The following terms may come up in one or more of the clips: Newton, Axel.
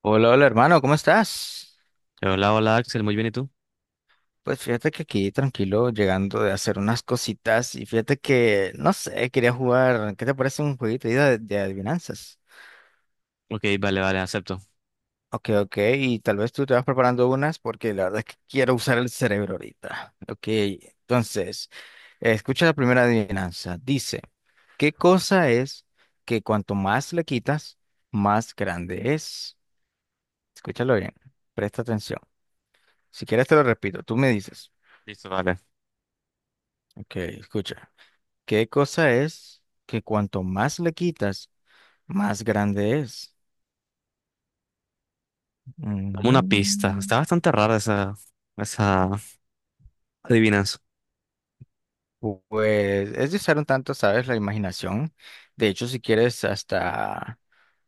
Hola, hola hermano, ¿cómo estás? Hola, hola Axel, muy bien, ¿y tú? Pues fíjate que aquí tranquilo, llegando de hacer unas cositas y fíjate que, no sé, quería jugar, ¿qué te parece un jueguito ahí de adivinanzas? Ok, vale, vale, acepto. Ok, ok, y tal vez tú te vas preparando unas porque la verdad es que quiero usar el cerebro ahorita. Ok, entonces, escucha la primera adivinanza. Dice, ¿qué cosa es que cuanto más le quitas, más grande es? Escúchalo bien, presta atención. Si quieres te lo repito, tú me dices. Listo, vale. Ok, escucha. ¿Qué cosa es que cuanto más le quitas, más grande es? Dame una pista. Mm, Está bastante rara esa adivinanza. Pues es de usar un tanto, ¿sabes? La imaginación. De hecho, si quieres hasta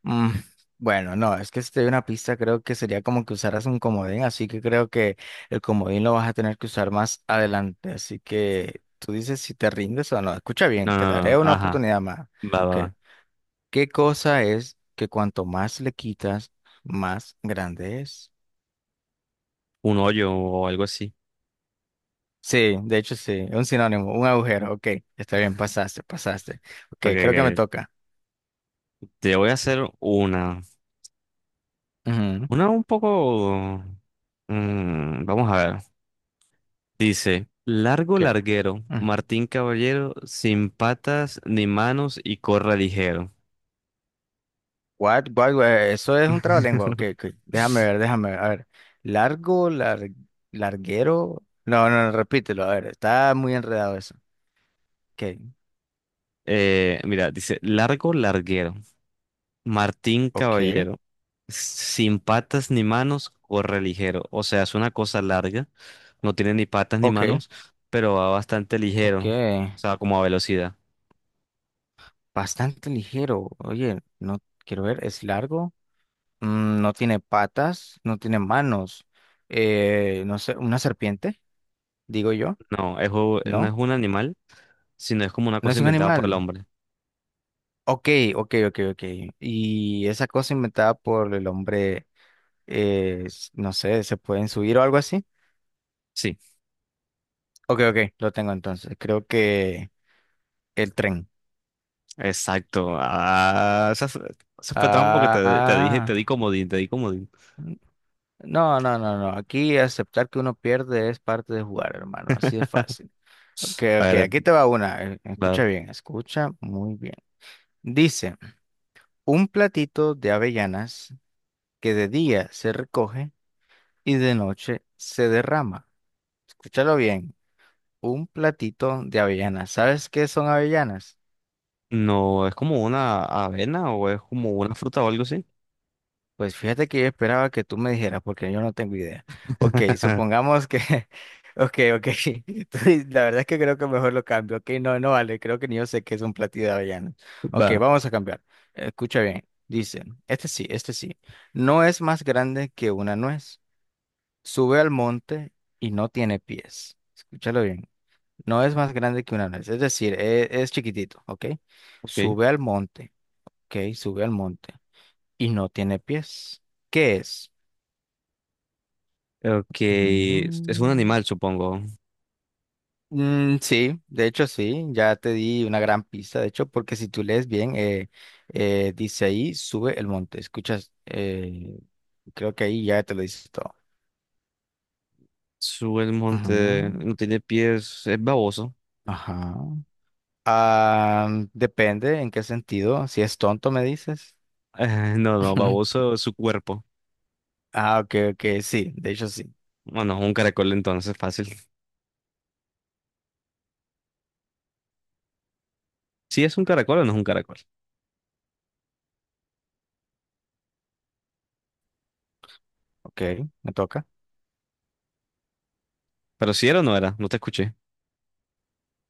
mm, bueno, no, es que si te doy una pista, creo que sería como que usaras un comodín, así que creo que el comodín lo vas a tener que usar más adelante. Así que tú dices si te rindes o no. Escucha bien, No, te no, no, daré una ajá. oportunidad más. Va, va, Ok. va. ¿Qué cosa es que cuanto más le quitas, más grande es? Un hoyo o algo así. Sí, de hecho sí, un sinónimo, un agujero, ok, está bien, pasaste, pasaste. Ok, Ok, creo que me ok. toca. Te voy a hacer una. Ujú. Una un poco. Vamos a ver. Dice: Largo ¿Qué? larguero, Mm. Martín Caballero, sin patas ni manos y corre ligero. What, what, what? Eso es un trabalengua, ok, ok, déjame ver, a ver. Largo, larguero. No, no, no, repítelo, a ver, está muy enredado eso. Ok, Mira, dice: Largo larguero. Martín ok, Caballero. Sin patas ni manos, corre ligero. O sea, es una cosa larga. No tiene ni patas ni ok, manos, pero va bastante ok. ligero. O sea, como a velocidad. Bastante ligero, oye, no quiero ver, es largo. No tiene patas, no tiene manos. No sé, una serpiente, digo yo. No, No, no es un animal, sino es como una no cosa es un inventada por el animal. hombre. Ok, ok, ok, ok. Y esa cosa inventada por el hombre, no sé, ¿se pueden subir o algo así? Sí, Ok, ok, lo tengo entonces. Creo que el tren. exacto. Ah, esa fue trampa porque te dije, te di Ah, comodín, te di comodín. n- no, no, no, no. Aquí aceptar que uno pierde es parte de jugar, hermano. Así de fácil. Ok, A ok, ver, aquí te va una. Va. Escucha bien, escucha muy bien. Dice, un platito de avellanas que de día se recoge y de noche se derrama. Escúchalo bien, un platito de avellanas. ¿Sabes qué son avellanas? No, es como una avena o es como una fruta o algo así. Pues fíjate que yo esperaba que tú me dijeras porque yo no tengo idea. Ok, supongamos que ok, ok. Entonces, la verdad es que creo que mejor lo cambio. Ok, no, no vale. Creo que ni yo sé qué es un platito de avellanas. Ok, Va, vamos a cambiar. Escucha bien. Dice, este sí, este sí. No es más grande que una nuez, sube al monte y no tiene pies. Escúchalo bien. No es más grande que una nuez, es decir, es chiquitito, ¿ok? ok. Sube al monte, ¿ok? Sube al monte y no tiene pies. ¿Qué es? Ok, es un Mm, animal, supongo. Sí, de hecho sí, ya te di una gran pista, de hecho, porque si tú lees bien, dice ahí, sube el monte. Escuchas, creo que ahí ya te lo dices todo. Sube el monte, Ujú. no tiene pies, es baboso. Ajá. Ah, depende en qué sentido. Si es tonto, me dices. No, no, baboso es su cuerpo. Ah, ok, ok, sí, de hecho sí. Bueno, es un caracol entonces, fácil. ¿Sí es un caracol o no es un caracol? Ok, me toca. Pero si era o no era, no te escuché.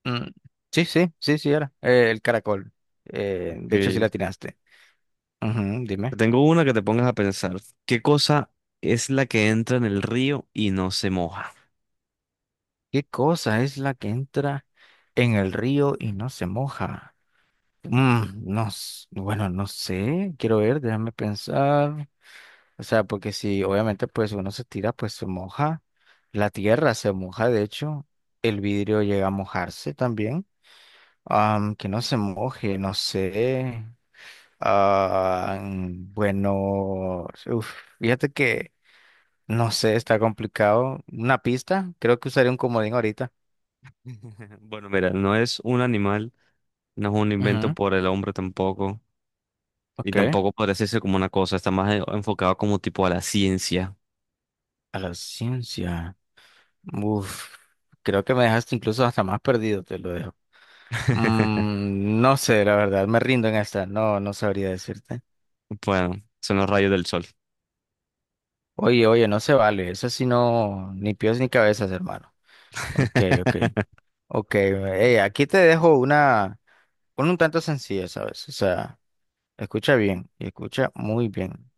Mm, sí, sí, sí, sí, era. El caracol. Ok, De hecho sí la te atinaste. Ujú, dime. tengo una que te pongas a pensar. ¿Qué cosa es la que entra en el río y no se moja? ¿Qué cosa es la que entra en el río y no se moja? Mm, no, bueno, no sé. Quiero ver, déjame pensar. O sea, porque si obviamente pues uno se tira, pues se moja, la tierra se moja, de hecho, el vidrio llega a mojarse también. Que no se moje, no sé. Ah, bueno, uf, fíjate que no sé, está complicado. Una pista, creo que usaría un comodín ahorita. Bueno, mira, no es un animal, no es un invento Ujú. por el hombre tampoco, y Ok, a tampoco podría decirse como una cosa, está más enfocado como tipo a la ciencia. la ciencia. Uf, creo que me dejaste incluso hasta más perdido, te lo dejo. Mm, no sé, la verdad, me rindo en esta, no, no sabría decirte. Bueno, son los rayos del sol. Oye, oye, no se vale, eso sí no, ni pies ni cabezas, hermano. Ok, ok, ok, aquí te dejo una un tanto sencilla, ¿sabes? O sea, escucha bien, y escucha muy bien.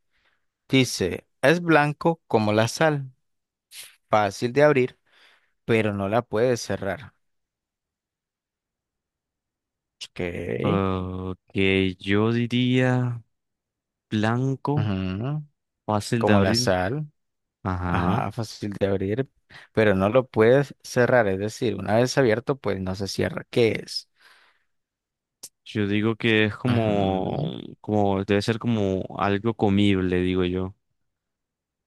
Dice, es blanco como la sal, fácil de abrir, pero no la puedes cerrar. Ok, Ok, yo diría blanco, ujú, fácil de como la abrir. sal. Ajá. Ajá, fácil de abrir, pero no lo puedes cerrar, es decir, una vez abierto, pues no se cierra. ¿Qué es? Yo digo que es Ujú. Debe ser como algo comible, digo yo.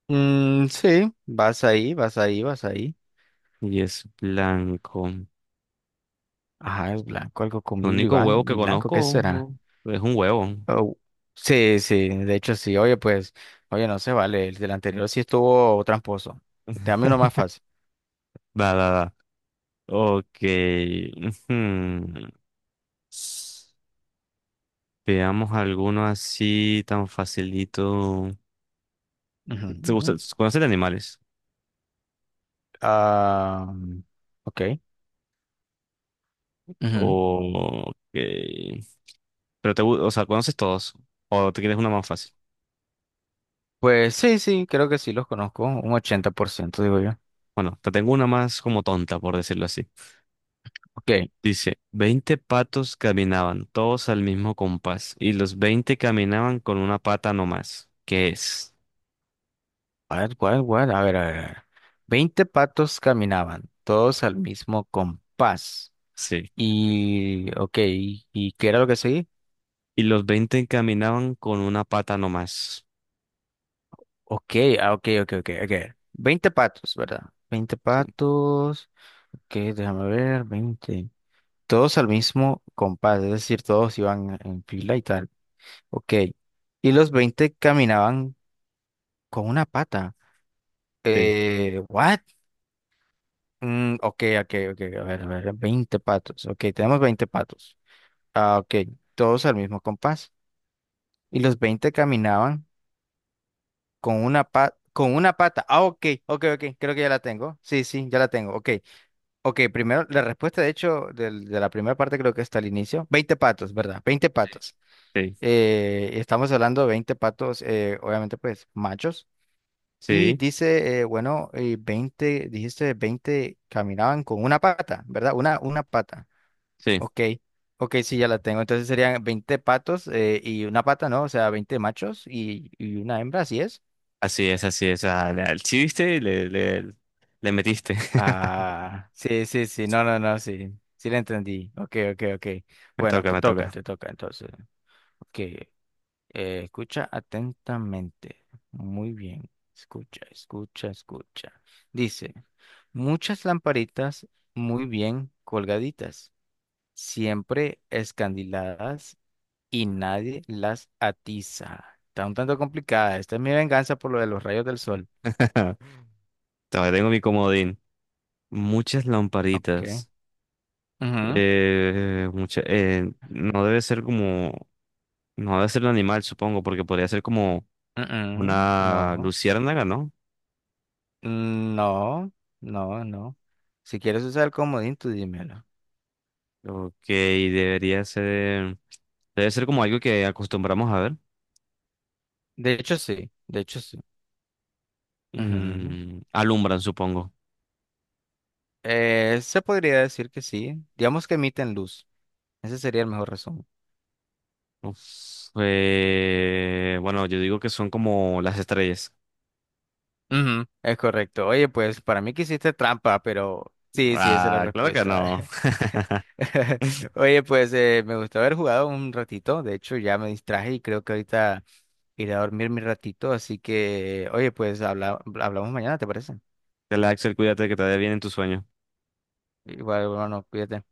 Mm, sí, vas ahí, vas ahí, vas ahí. Y es blanco. El Ajá, es blanco, algo comible y, único huevo ban- que y blanco, ¿qué conozco será? es un huevo. Oh, sí, sí, de hecho sí, oye, pues, oye, no se vale, el del anterior sí estuvo tramposo. Dame uno más fácil. Va, va, va. Ok. Ujú. Veamos alguno así tan facilito. ¿Te gusta? Ujú. ¿Conoces de animales? Ah, ok. Ujú. O ok. Pero o sea, ¿conoces todos? ¿O te quieres una más fácil? Pues sí, sí, creo que sí los conozco, un 80% digo yo. Bueno, te tengo una más como tonta, por decirlo así. Ok. Dice, 20 patos caminaban, todos al mismo compás, y los 20 caminaban con una pata nomás. ¿Qué es? ¿Cuál? ¿Cuál, cuál? A ver, a ver, a ver. 20 patos caminaban, todos al mismo compás. Sí. Y, ok, ¿y qué era lo que seguí? Y los 20 caminaban con una pata nomás. Ok, ah, ok, ok, ok, ok. 20 patos, ¿verdad? 20 patos. Ok, déjame ver, 20. Todos al mismo compás, es decir, todos iban en fila y tal. Ok. Y los 20 caminaban con una pata. Sí, ¿What? Mm, ok, ok, ok, a ver, veinte patos. Ok, tenemos 20 patos. Ah, ok, todos al mismo compás. Y los 20 caminaban con una pata, con una pata. Ah, ok, ok, ok, creo que ya la tengo. Sí, sí, ya la tengo. Ok, ok, primero, la respuesta, de hecho, de la primera parte creo que está al inicio. 20 patos, ¿verdad? 20 patos. sí, Estamos hablando de 20 patos, obviamente, pues, machos. Y sí, dice, bueno, 20, dijiste 20 caminaban con una pata, ¿verdad? Una pata. sí, sí. Ok, ok, sí, ya la tengo. Entonces serían 20 patos, y una pata, ¿no? O sea, 20 machos y una hembra, ¿así es? Así es, así es. Al chiste le metiste. Ah, sí, sí, sí, no, no, no, sí, sí la entendí. Ok, ok, ok. Me Bueno, toca, me toca. te toca, entonces. Ok, escucha atentamente. Muy bien, escucha, escucha, escucha. Dice, muchas lamparitas muy bien colgaditas, siempre escandiladas y nadie las atiza. Está un tanto complicada. Esta es mi venganza por lo de los rayos del sol. Todavía tengo mi comodín. Muchas Ok. lamparitas. Ujú, No debe ser como. No debe ser el animal, supongo, porque podría ser como ujú. una No. luciérnaga, ¿no? No. No, no. Si quieres usar el comodín, tú dímelo. Ok, debería ser. Debe ser como algo que acostumbramos a ver. De hecho, sí. De hecho, sí. Ujú. Alumbran, supongo. Se podría decir que sí. Digamos que emiten luz. Ese sería el mejor resumen. Uf, bueno, yo digo que son como las estrellas. Ujú, es correcto. Oye, pues para mí que hiciste trampa, pero sí, sí, esa es la Ah, claro que respuesta. no. Oye, pues me gustó haber jugado un ratito. De hecho, ya me distraje y creo que ahorita iré a dormir mi ratito. Así que, oye, pues hablamos mañana, ¿te parece? Axel, cuídate que te vaya bien en tu sueño. Igual, bueno, cuídate.